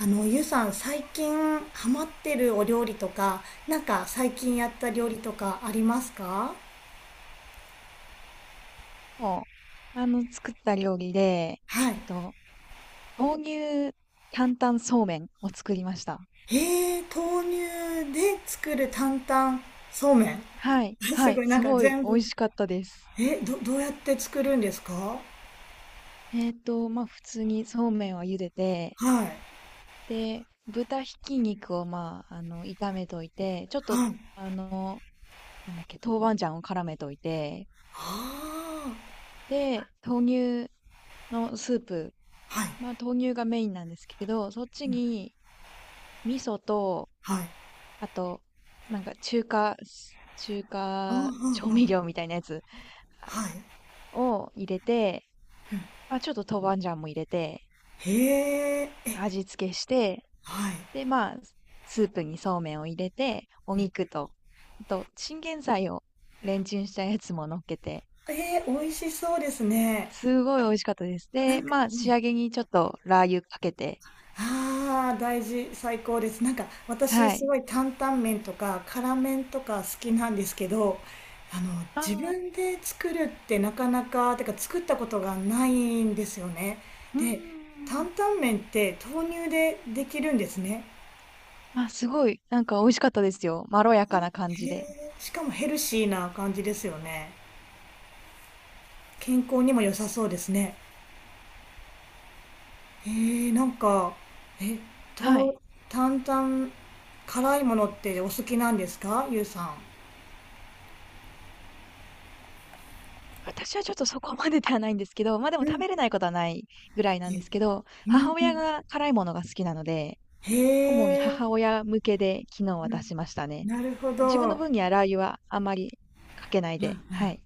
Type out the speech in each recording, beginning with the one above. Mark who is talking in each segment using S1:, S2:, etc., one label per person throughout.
S1: ゆうさん、最近ハマってるお料理とか、なんか最近やった
S2: う
S1: 料理
S2: ん、
S1: とかありますか？
S2: もう、あの、作った料理で、
S1: はい。
S2: えっと、豆乳担々そうめんを作りました。
S1: へえ、豆乳で作る担々そうめん。
S2: はい、は
S1: すご
S2: い、
S1: い、な
S2: す
S1: んか
S2: ごい
S1: 全
S2: 美
S1: 部。
S2: 味しかったです。
S1: どうやって作るんですか？
S2: まあ、普通にそうめんを茹でて、
S1: はい。
S2: で、豚ひき肉を、まあ、炒めといて、ちょっと、
S1: はい。
S2: あの、なんだっけ、豆板醤を絡めといて、
S1: ああ。
S2: で、豆乳のスープ、
S1: はい。
S2: まあ、豆乳がメインなんですけど、そっちに、味噌と、
S1: はい。
S2: あと、なんか中
S1: ああ、
S2: 華調
S1: は
S2: 味
S1: い。
S2: 料みたいなやつあ
S1: はい。
S2: を入れて、まあ、ちょっと豆板醤も入れて、
S1: へえ、え、
S2: 味付けして、
S1: はい。
S2: で、まあ、スープにそうめんを入れて、お肉と、あと、チンゲン菜をレンチンしたやつも乗っけて、
S1: えー、美味しそうですね。
S2: すごい美味しかったです。
S1: な
S2: で、
S1: んか、
S2: まあ、仕
S1: ね、
S2: 上げにちょっとラー油かけて、
S1: ああ、大事、最高です。なんか私
S2: は
S1: す
S2: い。
S1: ごい担々麺とか辛麺とか好きなんですけど、あの、
S2: あ
S1: 自
S2: あ、
S1: 分で作るってなかなか、てか作ったことがないんですよね。
S2: うー
S1: で、担
S2: ん。
S1: 々麺って豆乳でできるんですね。
S2: あ、すごい、なんか美味しかったですよ。まろやかな感
S1: へ
S2: じで。
S1: え、しかもヘルシーな感じですよね。健康にも良さそうですね。へえ、なんか、え、
S2: はい。
S1: と、担々、辛いものってお好きなんですか、ゆうさん。
S2: 私はちょっとそこまでではないんですけど、ま、あでも
S1: う
S2: 食
S1: ん。
S2: べれないことはないぐらいなんですけど、
S1: うん
S2: 母
S1: う
S2: 親
S1: ん。
S2: が辛いものが好きなので、
S1: へ
S2: 主に
S1: え、
S2: 母親向けで昨日は出しましたね。
S1: ななるほ
S2: 自分の
S1: ど。
S2: 分にはラー油はあまりかけないで、はい。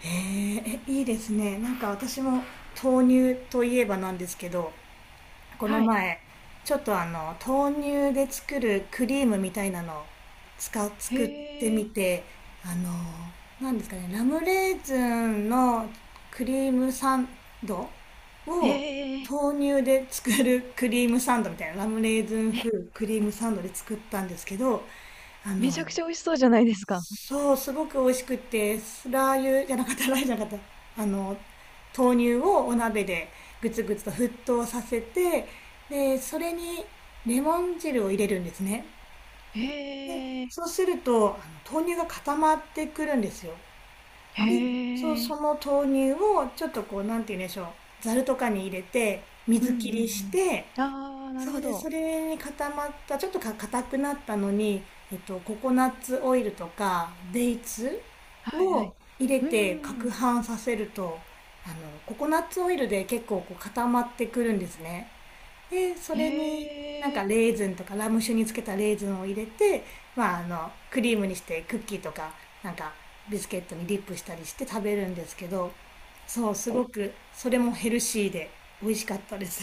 S1: へえ、え、いいですね。なんか私も豆乳といえばなんですけど、この
S2: はい。
S1: 前、ちょっとあの、豆乳で作るクリームみたいなのを
S2: へ
S1: 作ってみ
S2: え。
S1: て、あの、なんですかね、ラムレーズンのクリームサンド
S2: え
S1: を
S2: へえ、
S1: 豆乳で作るクリームサンドみたいな、ラムレーズン風クリームサンドで作ったんですけど、あ
S2: め
S1: の、
S2: ちゃくちゃ美味しそうじゃないですか。
S1: そう、すごく美味しくって、スラー油じゃなかった、ラー油じゃなかった。あの、豆乳をお鍋でぐつぐつと沸騰させて、で、それにレモン汁を入れるんですね。で、
S2: へえ。
S1: そうすると、あの豆乳が固まってくるんですよ。
S2: へ
S1: で、そう、そ
S2: え。
S1: の豆乳をちょっとこう、なんて言うんでしょう、ざるとかに入れて、
S2: うんう
S1: 水
S2: ん
S1: 切
S2: う
S1: りし
S2: ん。
S1: て、
S2: ああ、なる
S1: そ
S2: ほ
S1: うです。
S2: ど。
S1: それに固まった、ちょっと硬くなったのに、えっと、ココナッツオイルとか、デイツ
S2: はいは
S1: を
S2: い。
S1: 入れ
S2: うん
S1: て
S2: うんう
S1: 攪
S2: ん。
S1: 拌させると、あの、ココナッツオイルで結構こう固まってくるんですね。で、それになん
S2: へ
S1: か
S2: え。
S1: レーズンとかラム酒につけたレーズンを入れて、まあ、あの、クリームにしてクッキーとか、なんかビスケットにディップしたりして食べるんですけど、そう、すごくそれもヘルシーで美味しかったです。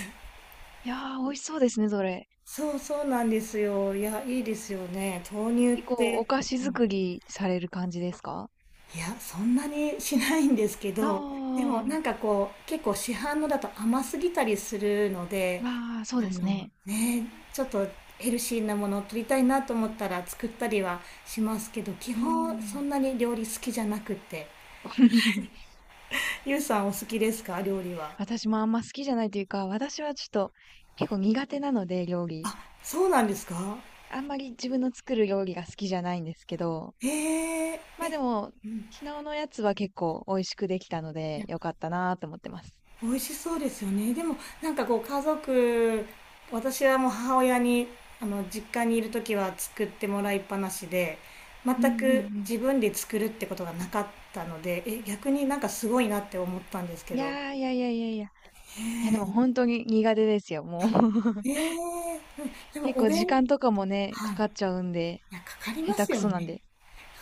S2: いやー、美味しそうですね、それ。
S1: そうそうなんですよ。いや、いいですよね、豆乳
S2: 結
S1: っ
S2: 構お
S1: て。
S2: 菓子作りされる感じですか？
S1: いや、そんなにしないんですけど、でもな
S2: あ
S1: んか
S2: あ、
S1: こう、結構市販のだと甘すぎたりするので、
S2: ああ、そう
S1: あ
S2: です
S1: の
S2: ね。
S1: ね、ちょっとヘルシーなものを取りたいなと思ったら作ったりはしますけど、基
S2: うー
S1: 本そ
S2: ん。
S1: んなに料理好きじゃなくて。ゆうさんお好きですか、料理は。
S2: 私もあんま好きじゃないというか、私はちょっと結構苦手なので、料理。
S1: あ、そうなんですか。
S2: あんまり自分の作る料理が好きじゃないんですけど、
S1: へ
S2: ま
S1: え。
S2: あでも、昨日のやつは結構美味しくできたので、よかったなと思ってます。
S1: 美味しそうですよね。でもなんかこう家族、私はもう母親に、あの、実家にいる時は作ってもらいっぱなしで、全
S2: うんうん
S1: く
S2: うん。
S1: 自分で作るってことがなかったので、え、逆になんかすごいなって思ったんですけ
S2: いや
S1: ど。
S2: ーいやいやいやいや。いやで
S1: へ
S2: も
S1: え、
S2: 本当に苦手ですよ、もう。
S1: え え、うでも
S2: 結
S1: お
S2: 構時
S1: 弁、
S2: 間とかもね、
S1: は
S2: か
S1: い。
S2: かっ
S1: い
S2: ちゃうんで、
S1: や、かかり
S2: 下
S1: ま
S2: 手
S1: す
S2: く
S1: よ
S2: そなん
S1: ね。
S2: で。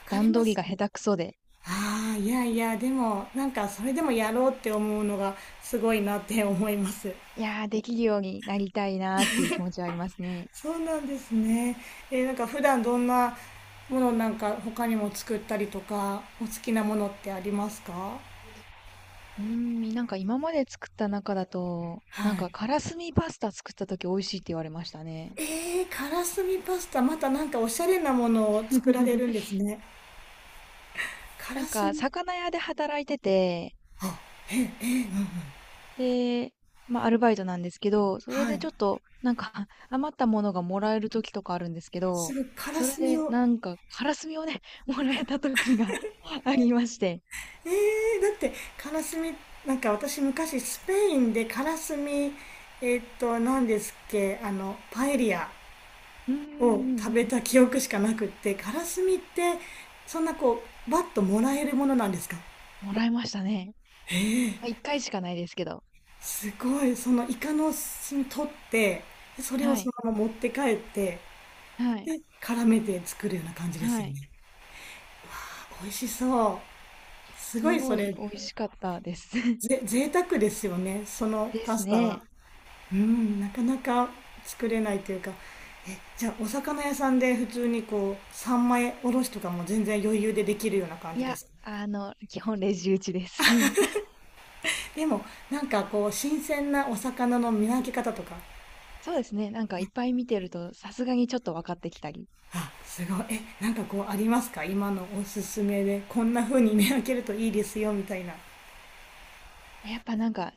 S1: かかり
S2: 段
S1: ま
S2: 取り
S1: す。
S2: が下手くそで、
S1: ああ、いやいや、でもなんかそれでもやろうって思うのがすごいなって思います。
S2: いやー、できるようになりたいなーっていう気持ちはありますね。
S1: そうなんですね。えー、なんか普段どんなものなんか他にも作ったりとか、お好きなものってありますか？は
S2: うーん、なんか今まで作った中だと、なんかカ
S1: い。
S2: ラスミパスタ作った時美味しいって言われましたね。
S1: えー、からすみパスタ、またなんかおしゃれなものを作られるんで すね。から
S2: なん
S1: す
S2: か
S1: み、
S2: 魚屋で働いてて、
S1: あ、え、え、うん、
S2: で、まあアルバイトなんですけど、それ
S1: は
S2: で
S1: い。
S2: ちょっとなんか 余ったものがもらえる時とかあるんですけ
S1: す
S2: ど、
S1: ぐから
S2: それ
S1: すみ
S2: で
S1: を、
S2: なんかカラスミをね、もらえた時が ありまして。
S1: えだってからすみ、なんか私昔スペインでからすみ、えーっと、何ですっけ、あの、パエリア
S2: うーん
S1: を
S2: う
S1: 食
S2: ん
S1: べ
S2: うん、
S1: た記憶しかなくって、カラスミってそんなこうバッともらえるものなんですか？
S2: もらえましたね。
S1: へえ、
S2: まあ一回しかないですけど。
S1: すごい。そのイカの墨取ってそれを
S2: は
S1: その
S2: い、
S1: まま持って帰って
S2: はい、
S1: で絡めて作るような感じで
S2: は
S1: すよ
S2: い。
S1: ね。美味しそう、すご
S2: す
S1: い
S2: ご
S1: そ
S2: い
S1: れ。
S2: 美味しかったです。
S1: ぜ贅沢ですよね、その
S2: で
S1: パ
S2: す
S1: スタは。
S2: ね。
S1: うん、なかなか作れないというか。え、じゃあお魚屋さんで普通にこう三枚おろしとかも全然余裕でできるような感
S2: い
S1: じで
S2: や、
S1: すか？
S2: 基本レジ打ちです。
S1: でもなんかこう新鮮なお魚の見分け方とか。
S2: そうですね。なんかいっぱい見てると、さすがにちょっと分かってきたり。
S1: あ、すごい。え、なんかこうありますか、今のおすすめで、こんな風に見分けるといいですよみたいな。
S2: やっぱなんか、い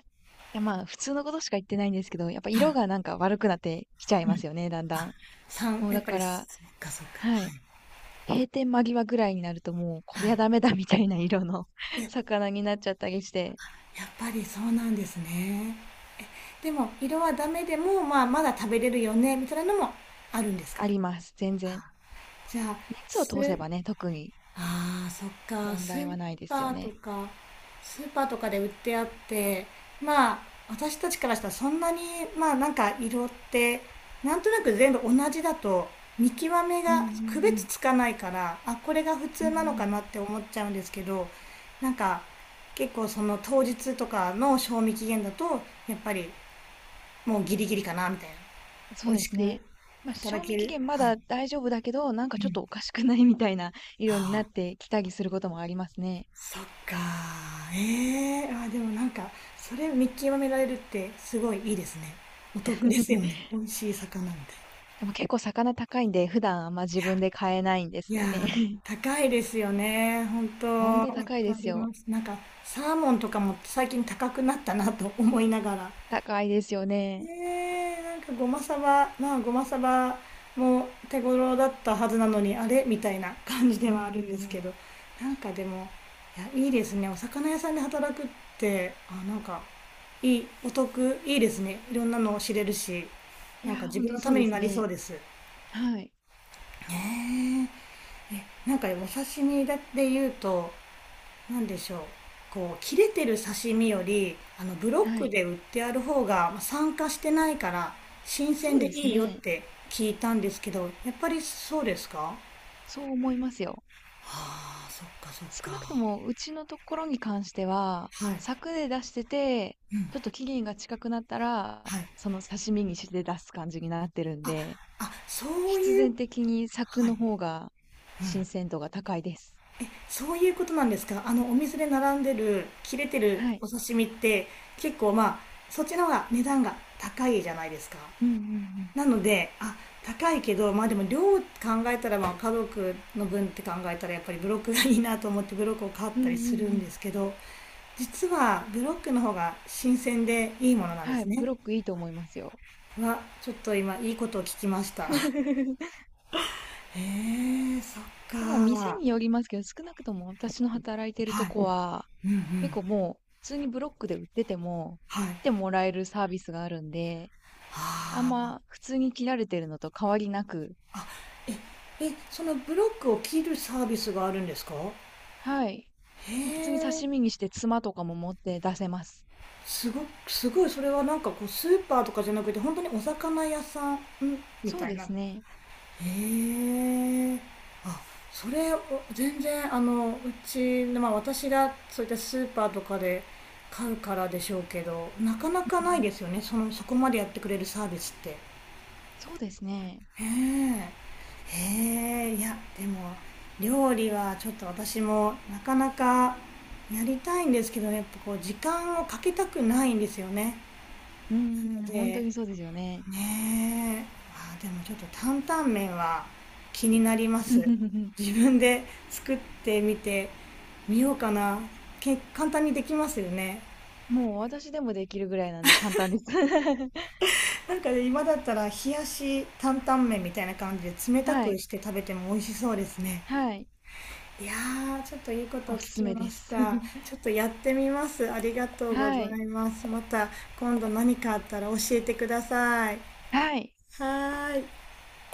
S2: やまあ普通のことしか言ってないんですけど、やっぱ色
S1: あ
S2: がなんか悪くなってきちゃいますよね、だんだ
S1: あ
S2: ん。
S1: さん
S2: もう
S1: やっ
S2: だ
S1: ぱ
S2: か
S1: りそ
S2: ら、
S1: っか、そっか、
S2: は
S1: はい、
S2: い。閉店間際ぐらいになるともう、こ
S1: は
S2: りゃ
S1: い。
S2: ダメだみたいな色の
S1: え、
S2: 魚になっちゃったりして、
S1: やっぱりそうなんですね。でも色はダメでも、まあ、まだ食べれるよねみたいなのもあるんですか？
S2: あります。全然。
S1: あじゃあ
S2: 熱を
S1: す
S2: 通せばね、特に
S1: ああ、そっか。
S2: 問
S1: ス
S2: 題
S1: ー
S2: はないです
S1: パ
S2: よ
S1: ーと
S2: ね。
S1: か、スーパーとかで売ってあって、まあ、私たちからしたらそんなに、まあなんか色って、なんとなく全部同じだと、見極め
S2: うんう
S1: が区
S2: んう
S1: 別
S2: ん。
S1: つかないから、あ、これが普
S2: うん
S1: 通
S2: う
S1: なのかな
S2: ん
S1: っ
S2: う
S1: て思っちゃうんですけど、なんか、結構その当日とかの賞味期限だと、やっぱりもうギリギリかな、みたいな。
S2: ん。そ
S1: 美
S2: う
S1: 味
S2: で
S1: し
S2: す
S1: く
S2: ね。まあ、
S1: いただ
S2: 賞
S1: け
S2: 味期
S1: る。
S2: 限ま
S1: はい。
S2: だ大丈夫だけど、なんかちょっとおかしくないみたいな
S1: は
S2: 色になっ
S1: あ、
S2: てきたりすることもありますね。
S1: そっか。ええー、あー、でもなんかそれ見極められるってすごいいいですね。お得ですよね、 美味しい魚みたいな。
S2: でも結構魚高いんで、普段あんま自分で買えないんです
S1: いやい
S2: よ
S1: やー、
S2: ね。
S1: 高いですよね、本当。
S2: ほん
S1: わ
S2: と
S1: か
S2: 高いです
S1: り
S2: よ。
S1: ます。なんかサーモンとかも最近高くなったなと思いながら、
S2: 高いですよね。
S1: ねえ、なんかごまさば、まあごまさばも手頃だったはずなのに、あれみたいな感じで
S2: うんうん
S1: はある
S2: う
S1: んですけ
S2: ん。
S1: ど、なんかでも、いや、いいですね、お魚屋さんで働くって。あ、なんか、いい、お得、いいですね。いろんなのを知れるし、
S2: い
S1: なんか
S2: やー、
S1: 自
S2: ほん
S1: 分
S2: と
S1: のた
S2: そう
S1: め
S2: で
S1: に
S2: す
S1: なりそ
S2: ね。
S1: うです。
S2: はい、
S1: ねえ、なんかお刺身だって言うと、なんでしょう、こう、切れてる刺身より、あの、ブロッ
S2: は
S1: ク
S2: い。
S1: で売ってある方が、まあ酸化してないから、新
S2: そ
S1: 鮮
S2: う
S1: で
S2: です
S1: いいよっ
S2: ね。
S1: て聞いたんですけど、やっぱりそうですか？
S2: そう思いますよ。
S1: ああ、そっか、そっ
S2: 少
S1: か。
S2: なくともうちのところに関しては、
S1: はい。
S2: 柵で出してて、ちょっと期限が近くなったら、
S1: はい。
S2: その刺身にして出す感じになってるん
S1: あ、
S2: で、
S1: そう
S2: 必
S1: いう、
S2: 然的に柵
S1: はい。
S2: の方が新鮮度が高いです。
S1: え、そういうことなんですか、あの、お店で並んでる、切れてる
S2: はい。
S1: お刺身って、結構まあ、そっちの方が値段が高いじゃないですか。
S2: うんうん
S1: なのであ、高いけどまあでも量考えたらまあ家族の分って考えたらやっぱりブロックがいいなと思ってブロックを買っ
S2: うん。う
S1: たり
S2: ん
S1: する
S2: うん
S1: ん
S2: うん。
S1: ですけど、実はブロックの方が新鮮でいいものなんで
S2: は
S1: す
S2: い、ブ
S1: ね。
S2: ロックいいと思いますよ。
S1: はちょっと今いいことを聞きました。へえ、そっ
S2: まあ店
S1: か。
S2: によりますけど、少なくとも私の働いてると
S1: はい。
S2: こは、
S1: うんう
S2: 結
S1: ん。
S2: 構もう普通にブロックで売ってても、
S1: はい。
S2: 来て
S1: は
S2: もらえるサービスがあるんで、あん
S1: あ。
S2: ま普通に切られてるのと変わりなく、
S1: あ、え、そのブロックを切るサービスがあるんですか？
S2: はい。普通に
S1: へ
S2: 刺身にしてツマとかも持って出せます。
S1: すごすごい、それはなんかこうスーパーとかじゃなくて本当にお魚屋さんみ
S2: そう
S1: たい
S2: で
S1: な。へ
S2: すね。
S1: え、あ、それを、全然、あの、うちの、まあ、私がそういったスーパーとかで買うからでしょうけど、なかな
S2: う
S1: かないで
S2: ん。
S1: すよね、そのそこまでやってくれるサービスって。へ
S2: そうですね。
S1: え、へえ、いやでも料理はちょっと私もなかなか、やりたいんですけどね、やっぱこう時間をかけたくないんですよね、
S2: うーん、
S1: の
S2: 本当
S1: で、
S2: にそうですよね。
S1: ねえ、あ、でもちょっと担々麺は気になります。自分で作ってみてみようかな。簡単にできますよね。
S2: もう私でもできるぐらいなんで簡単です。
S1: なんかね、今だったら冷やし担々麺みたいな感じで冷た
S2: は
S1: く
S2: い、
S1: して食べても美味しそうですね。
S2: はい。
S1: いやー、ちょっといいことを
S2: お
S1: 聞
S2: すす
S1: き
S2: めで
S1: まし
S2: す。
S1: た。ち ょっとやってみます。ありがとうご
S2: は
S1: ざ
S2: い、
S1: います。また今度何かあったら教えてください。
S2: はい。
S1: はーい。